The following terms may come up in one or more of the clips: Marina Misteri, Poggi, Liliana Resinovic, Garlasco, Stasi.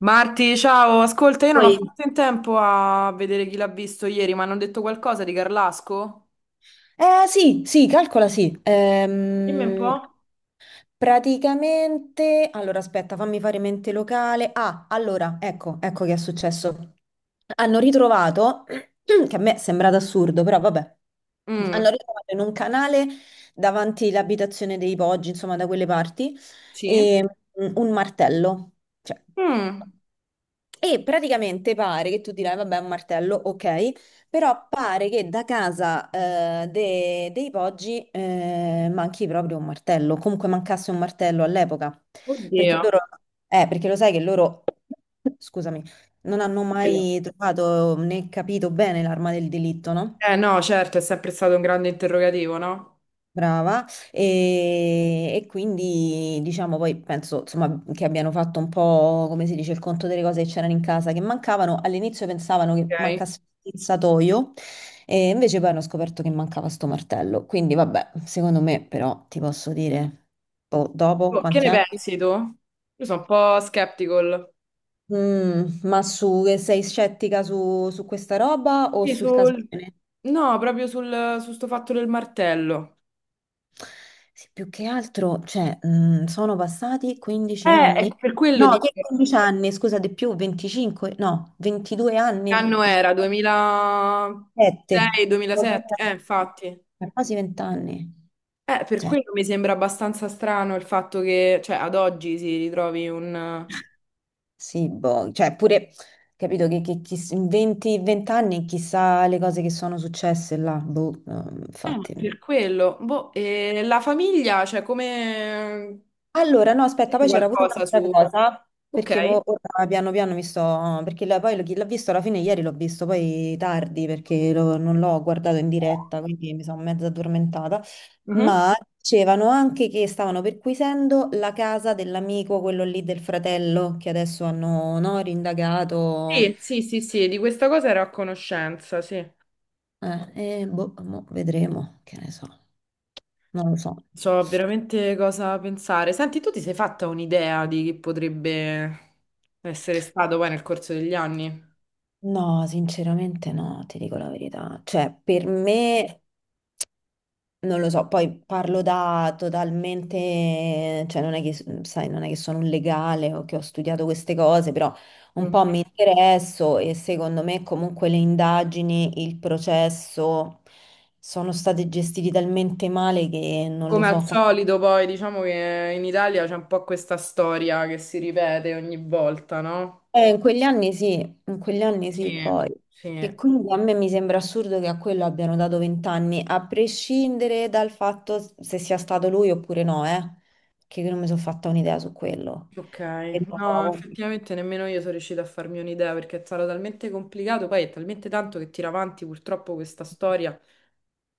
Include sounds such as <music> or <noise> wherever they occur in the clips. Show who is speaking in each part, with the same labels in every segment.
Speaker 1: Marti, ciao, ascolta, io non ho
Speaker 2: Poi,
Speaker 1: fatto in tempo a vedere chi l'ha visto ieri, ma hanno detto qualcosa di Carlasco?
Speaker 2: eh, sì, sì, calcola, sì.
Speaker 1: Dimmi un po'.
Speaker 2: Praticamente, allora aspetta, fammi fare mente locale. Ah, allora, ecco, ecco che è successo. Hanno ritrovato, <clears throat> che a me è sembrato assurdo, però vabbè,
Speaker 1: Mm.
Speaker 2: hanno ritrovato in un canale davanti l'abitazione dei Poggi, insomma, da quelle parti,
Speaker 1: Sì?
Speaker 2: e, un martello. Cioè,
Speaker 1: Mm.
Speaker 2: e praticamente pare che tu dirai, vabbè, è un martello, ok, però pare che da casa dei Poggi manchi proprio un martello, comunque mancasse un martello all'epoca, perché
Speaker 1: Oddio.
Speaker 2: loro, perché lo sai che loro, scusami, non hanno
Speaker 1: Quello.
Speaker 2: mai trovato né capito bene l'arma del delitto, no?
Speaker 1: Eh no, certo, è sempre stato un grande interrogativo, no?
Speaker 2: Brava, e quindi diciamo poi penso insomma che abbiano fatto un po' come si dice il conto delle cose che c'erano in casa che mancavano. All'inizio pensavano che
Speaker 1: Ok.
Speaker 2: mancasse il satoio e invece poi hanno scoperto che mancava sto martello. Quindi vabbè, secondo me però ti posso dire, boh, dopo
Speaker 1: Oh, che
Speaker 2: quanti
Speaker 1: ne
Speaker 2: anni?
Speaker 1: pensi tu? Io sono un po' skeptical.
Speaker 2: Ma su, sei scettica su questa roba o
Speaker 1: Sì,
Speaker 2: sul caso?
Speaker 1: sul- No, proprio sul, su sto fatto del martello.
Speaker 2: Sì, più che altro, cioè, sono passati 15
Speaker 1: È
Speaker 2: anni.
Speaker 1: per quello
Speaker 2: No,
Speaker 1: di
Speaker 2: che
Speaker 1: che
Speaker 2: 15 anni, scusa, di più, 25, no, 22 anni,
Speaker 1: anno era?
Speaker 2: 17,
Speaker 1: 2006, 2007? Infatti.
Speaker 2: quasi 20 anni.
Speaker 1: Per
Speaker 2: Cioè,
Speaker 1: quello mi sembra abbastanza strano il fatto che, cioè, ad oggi si ritrovi un...
Speaker 2: sì, boh, cioè, pure, capito che in 20, 20 anni chissà le cose che sono successe là, boh, no,
Speaker 1: Ma
Speaker 2: infatti.
Speaker 1: per quello. Boh, e la famiglia, cioè, come...
Speaker 2: Allora, no, aspetta, poi c'era pure
Speaker 1: Qualcosa
Speaker 2: un'altra
Speaker 1: su...
Speaker 2: cosa,
Speaker 1: Ok.
Speaker 2: perché ora piano piano mi sto. Perché poi chi l'ha visto alla fine ieri l'ho visto poi tardi, perché non l'ho guardato in diretta, quindi mi sono mezza addormentata,
Speaker 1: Mhm.
Speaker 2: ma dicevano anche che stavano perquisendo la casa dell'amico, quello lì del fratello, che adesso hanno, no, rindagato.
Speaker 1: Sì, sì, sì, sì, di questa cosa ero a conoscenza, sì. Non
Speaker 2: E boh, mo vedremo, che ne so, non lo so.
Speaker 1: so veramente cosa pensare. Senti, tu ti sei fatta un'idea di chi potrebbe essere stato poi nel corso degli anni?
Speaker 2: No, sinceramente no, ti dico la verità. Cioè, per me. Non lo so, poi parlo da totalmente, cioè non è che, sai, non è che sono un legale o che ho studiato queste cose, però un
Speaker 1: Mhm.
Speaker 2: po' mi interesso e secondo me comunque le indagini, il processo sono stati gestiti talmente male che non lo
Speaker 1: Come al
Speaker 2: so. quant-
Speaker 1: solito, poi diciamo che in Italia c'è un po' questa storia che si ripete ogni volta, no?
Speaker 2: Eh, in quegli anni sì, in quegli anni sì,
Speaker 1: Sì.
Speaker 2: poi.
Speaker 1: Sì.
Speaker 2: Che quindi a me mi sembra assurdo che a quello abbiano dato 20 anni, a prescindere dal fatto se sia stato lui oppure no, che non mi sono fatta un'idea su quello.
Speaker 1: Ok.
Speaker 2: È
Speaker 1: No,
Speaker 2: nuovo.
Speaker 1: effettivamente nemmeno io sono riuscita a farmi un'idea perché è stato talmente complicato, poi è talmente tanto che tira avanti purtroppo questa storia.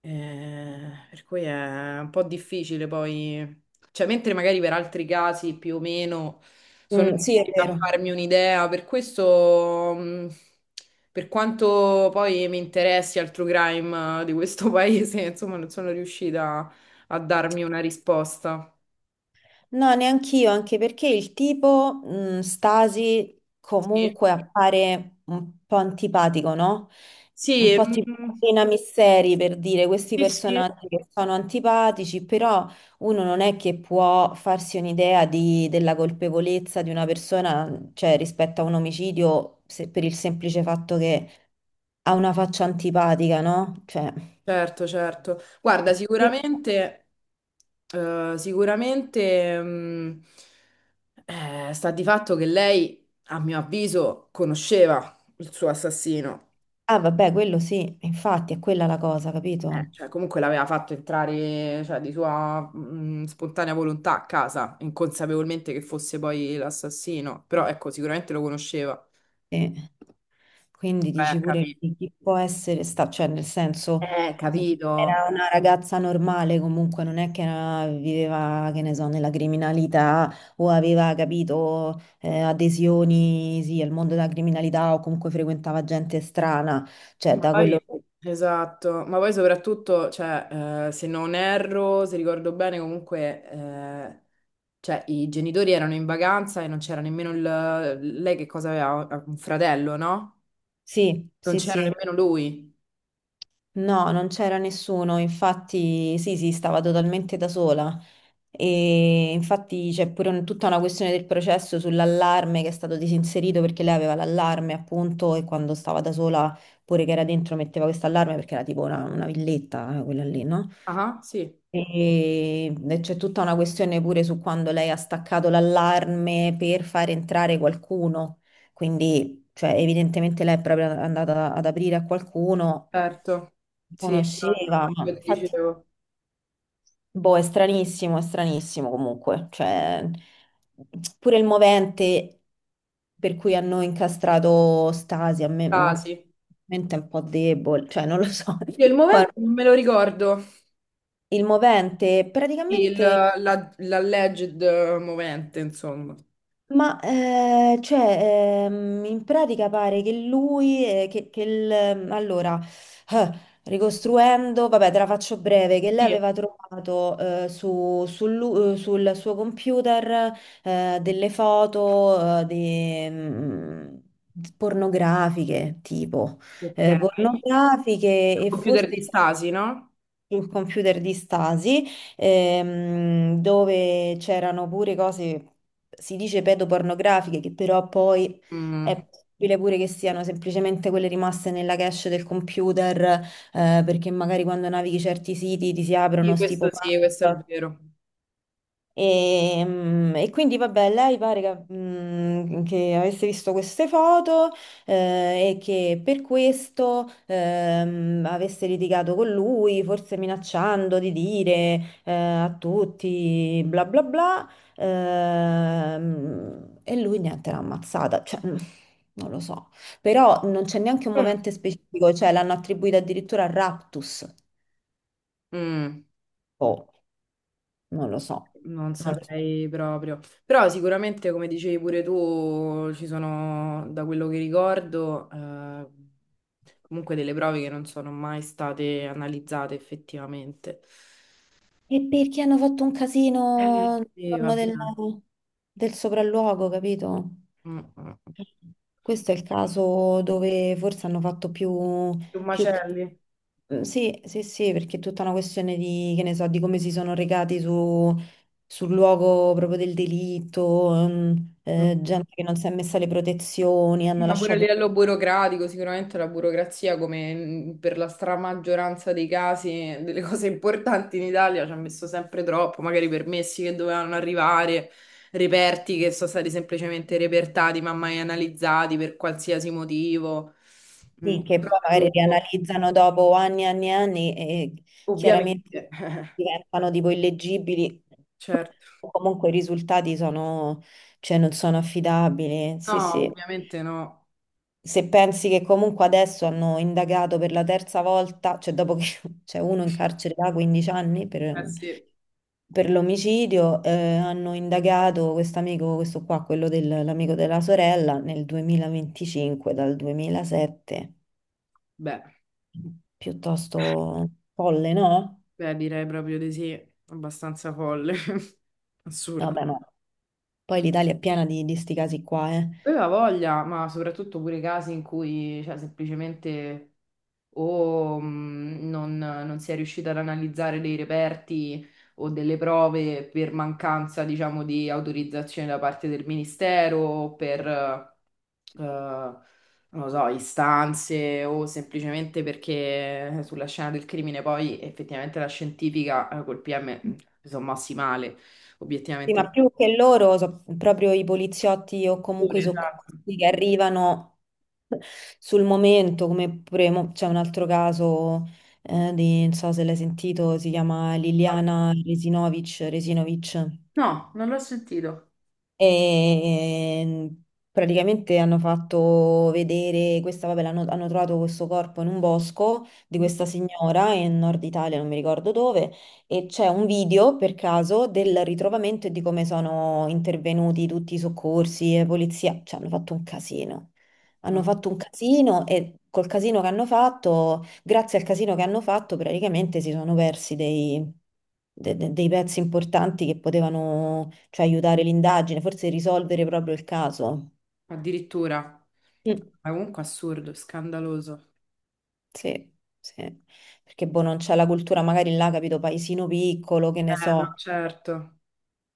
Speaker 1: Per cui è un po' difficile poi, cioè, mentre magari per altri casi più o meno sono
Speaker 2: Mm, sì, è
Speaker 1: riuscita a
Speaker 2: vero.
Speaker 1: farmi un'idea, per questo, per quanto poi mi interessi al true crime di questo <laughs> paese, insomma, non sono riuscita a darmi una risposta.
Speaker 2: No, neanch'io, anche perché il tipo Stasi
Speaker 1: Sì,
Speaker 2: comunque appare un po' antipatico, no? Un
Speaker 1: sì,
Speaker 2: po' tipo
Speaker 1: mm,
Speaker 2: Marina Misteri per dire questi
Speaker 1: sì, sì.
Speaker 2: personaggi che sono antipatici, però uno non è che può farsi un'idea della colpevolezza di una persona, cioè rispetto a un omicidio, per il semplice fatto che ha una faccia antipatica, no? Cioè,
Speaker 1: Certo, certo. Guarda, sicuramente, sicuramente, sta di fatto che lei, a mio avviso, conosceva il suo assassino.
Speaker 2: ah, vabbè, quello sì, infatti è quella la cosa, capito?
Speaker 1: Cioè, comunque l'aveva fatto entrare, cioè, di sua, spontanea volontà a casa, inconsapevolmente che fosse poi l'assassino. Però, ecco, sicuramente lo conosceva.
Speaker 2: Sì. Quindi
Speaker 1: Vai
Speaker 2: dici
Speaker 1: a
Speaker 2: pure
Speaker 1: capire.
Speaker 2: chi può essere sta, cioè nel senso era
Speaker 1: Capito.
Speaker 2: una ragazza normale, comunque non è che viveva, che ne so, nella criminalità o aveva, capito, adesioni, sì, al mondo della criminalità o comunque frequentava gente strana, cioè
Speaker 1: Ma
Speaker 2: da quello.
Speaker 1: poi, esatto, ma poi soprattutto, cioè, se non erro, se ricordo bene, comunque, cioè, i genitori erano in vacanza e non c'era nemmeno il... Lei che cosa aveva? Un fratello, no?
Speaker 2: Sì,
Speaker 1: Non
Speaker 2: sì,
Speaker 1: c'era
Speaker 2: sì.
Speaker 1: nemmeno lui.
Speaker 2: No, non c'era nessuno, infatti sì, sì, stava totalmente da sola. E infatti c'è pure tutta una questione del processo sull'allarme che è stato disinserito perché lei aveva l'allarme appunto e quando stava da sola pure che era dentro metteva questo allarme perché era tipo una villetta quella lì, no?
Speaker 1: Ah, sì,
Speaker 2: E c'è tutta una questione pure su quando lei ha staccato l'allarme per far entrare qualcuno, quindi cioè, evidentemente lei è proprio andata ad aprire a qualcuno,
Speaker 1: certo. Sì, esatto,
Speaker 2: conosceva, ma
Speaker 1: io ti
Speaker 2: infatti
Speaker 1: dicevo.
Speaker 2: boh, è stranissimo comunque, cioè pure il movente per cui hanno incastrato Stasi, a me
Speaker 1: Ah, sì.
Speaker 2: mente è un po' debole, cioè non lo so.
Speaker 1: Io il
Speaker 2: <laughs> Poi,
Speaker 1: movente non me lo ricordo.
Speaker 2: il movente
Speaker 1: Sì,
Speaker 2: praticamente.
Speaker 1: l'alleged movente, insomma.
Speaker 2: Ma cioè, in pratica pare che lui, che il, allora, eh, ricostruendo, vabbè, te la faccio breve, che lei
Speaker 1: Sì.
Speaker 2: aveva trovato sul suo computer delle foto di, pornografiche, tipo,
Speaker 1: Ok. Il
Speaker 2: pornografiche e
Speaker 1: computer di
Speaker 2: forse
Speaker 1: Stasi, no?
Speaker 2: sul computer di Stasi, dove c'erano pure cose, si dice pedopornografiche, che però poi è
Speaker 1: Mm.
Speaker 2: possibile pure che siano semplicemente quelle rimaste nella cache del computer, perché magari quando navighi certi siti ti si aprono sti
Speaker 1: Sì, questo è
Speaker 2: pop-up.
Speaker 1: vero.
Speaker 2: E quindi vabbè, lei pare che avesse visto queste foto e che per questo avesse litigato con lui, forse minacciando di dire a tutti bla bla bla. E lui niente, l'ha ammazzata. Cioè, non lo so. Però non c'è neanche un
Speaker 1: Mm.
Speaker 2: momento specifico, cioè l'hanno attribuita addirittura a raptus.
Speaker 1: Mm.
Speaker 2: Oh, non lo so.
Speaker 1: Non
Speaker 2: Non lo so.
Speaker 1: saprei proprio. Però sicuramente, come dicevi pure tu, ci sono, da quello che ricordo, comunque delle prove che non sono mai state analizzate effettivamente.
Speaker 2: E perché hanno fatto un casino
Speaker 1: Sì,
Speaker 2: intorno
Speaker 1: vabbè.
Speaker 2: del, sì, del sopralluogo, capito?
Speaker 1: Mm, mm.
Speaker 2: Questo è il caso dove forse hanno fatto più,
Speaker 1: Più
Speaker 2: più.
Speaker 1: macelli.
Speaker 2: Mm, sì, sì, sì, perché è tutta una questione di, che ne so, di come si sono recati sul luogo proprio del delitto, gente che non si è messa le protezioni,
Speaker 1: Sì,
Speaker 2: hanno
Speaker 1: ma pure a
Speaker 2: lasciato.
Speaker 1: livello burocratico, sicuramente la burocrazia, come per la stramaggioranza dei casi, delle <laughs> cose importanti in Italia, ci ha messo sempre troppo, magari permessi che dovevano arrivare, reperti che sono stati semplicemente repertati, ma mai analizzati per qualsiasi motivo. Mm.
Speaker 2: Sì, che poi magari li
Speaker 1: Troppo,
Speaker 2: analizzano dopo anni e anni e anni e chiaramente
Speaker 1: ovviamente, <laughs>
Speaker 2: diventano tipo illeggibili
Speaker 1: certo.
Speaker 2: o comunque i risultati sono, cioè, non sono affidabili.
Speaker 1: No,
Speaker 2: Sì, sì.
Speaker 1: ovviamente no.
Speaker 2: Se pensi che comunque adesso hanno indagato per la terza volta, cioè dopo che <laughs> c'è uno in carcere da 15 anni per,
Speaker 1: Eh sì,
Speaker 2: per l'omicidio, hanno indagato questo amico, questo qua, quello dell'amico della sorella, nel 2025, dal 2007
Speaker 1: beh,
Speaker 2: piuttosto folle, no?
Speaker 1: beh, direi proprio di sì, abbastanza folle, <laughs> assurdo.
Speaker 2: Vabbè, ma poi l'Italia è piena di sti casi qua, eh.
Speaker 1: Aveva voglia, ma soprattutto pure casi in cui, cioè, semplicemente o non si è riuscita ad analizzare dei reperti o delle prove per mancanza, diciamo, di autorizzazione da parte del ministero, o per, non lo so, istanze o semplicemente perché sulla scena del crimine poi effettivamente la scientifica col PM si sono mossi male,
Speaker 2: Sì,
Speaker 1: obiettivamente.
Speaker 2: ma più che loro, proprio i poliziotti o
Speaker 1: Pure,
Speaker 2: comunque i
Speaker 1: esatto.
Speaker 2: soccorsi che arrivano sul momento, come pure c'è un altro caso di, non so se l'hai sentito, si chiama Liliana Resinovic, Resinovic.
Speaker 1: No, non l'ho sentito.
Speaker 2: E praticamente hanno fatto vedere questa, vabbè, hanno trovato questo corpo in un bosco di questa signora in Nord Italia, non mi ricordo dove, e c'è un video per caso del ritrovamento e di come sono intervenuti tutti i soccorsi e polizia, cioè hanno fatto un casino.
Speaker 1: Mm.
Speaker 2: Hanno fatto un casino e col casino che hanno fatto, grazie al casino che hanno fatto, praticamente si sono persi dei, dei pezzi importanti che potevano, cioè, aiutare l'indagine, forse risolvere proprio il caso.
Speaker 1: Addirittura.
Speaker 2: Mm,
Speaker 1: Ma comunque assurdo, scandaloso.
Speaker 2: sì, sì. Perché boh, non c'è la cultura, magari là, capito, paesino piccolo, che ne
Speaker 1: No,
Speaker 2: so.
Speaker 1: certo.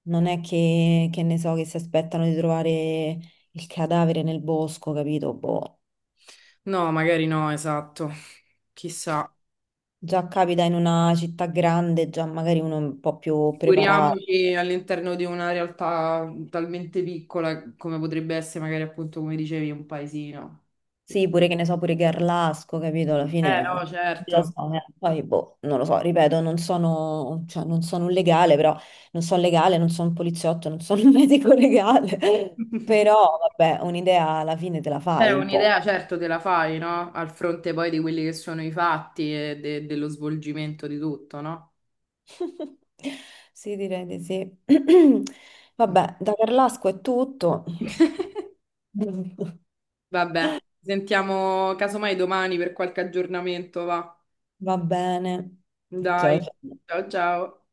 Speaker 2: Non è che ne so, che si aspettano di trovare il cadavere nel bosco, capito? Boh.
Speaker 1: No, magari no, esatto. Chissà.
Speaker 2: Già capita in una città grande, già magari uno è un po' più preparato.
Speaker 1: Figuriamoci all'interno di una realtà talmente piccola come potrebbe essere magari appunto, come dicevi, un paesino.
Speaker 2: Sì, pure che ne so, pure Garlasco, capito? Alla
Speaker 1: No,
Speaker 2: fine lo
Speaker 1: certo.
Speaker 2: so, eh. Poi boh, non lo so, ripeto, non sono, cioè, non sono un legale, però non sono legale, non sono un poliziotto, non sono un <laughs> medico legale.
Speaker 1: <laughs>
Speaker 2: Però vabbè, un'idea alla fine te la
Speaker 1: Beh,
Speaker 2: fai un po'.
Speaker 1: un'idea certo te la fai, no? Al fronte poi di quelli che sono i fatti e dello svolgimento di tutto, no?
Speaker 2: <laughs> Sì, direi di sì. <clears throat> Vabbè, da Garlasco è tutto.
Speaker 1: <laughs>
Speaker 2: <laughs>
Speaker 1: Vabbè, ci sentiamo casomai domani per qualche aggiornamento, va.
Speaker 2: Va bene. Ciao,
Speaker 1: Dai,
Speaker 2: ciao.
Speaker 1: ciao ciao.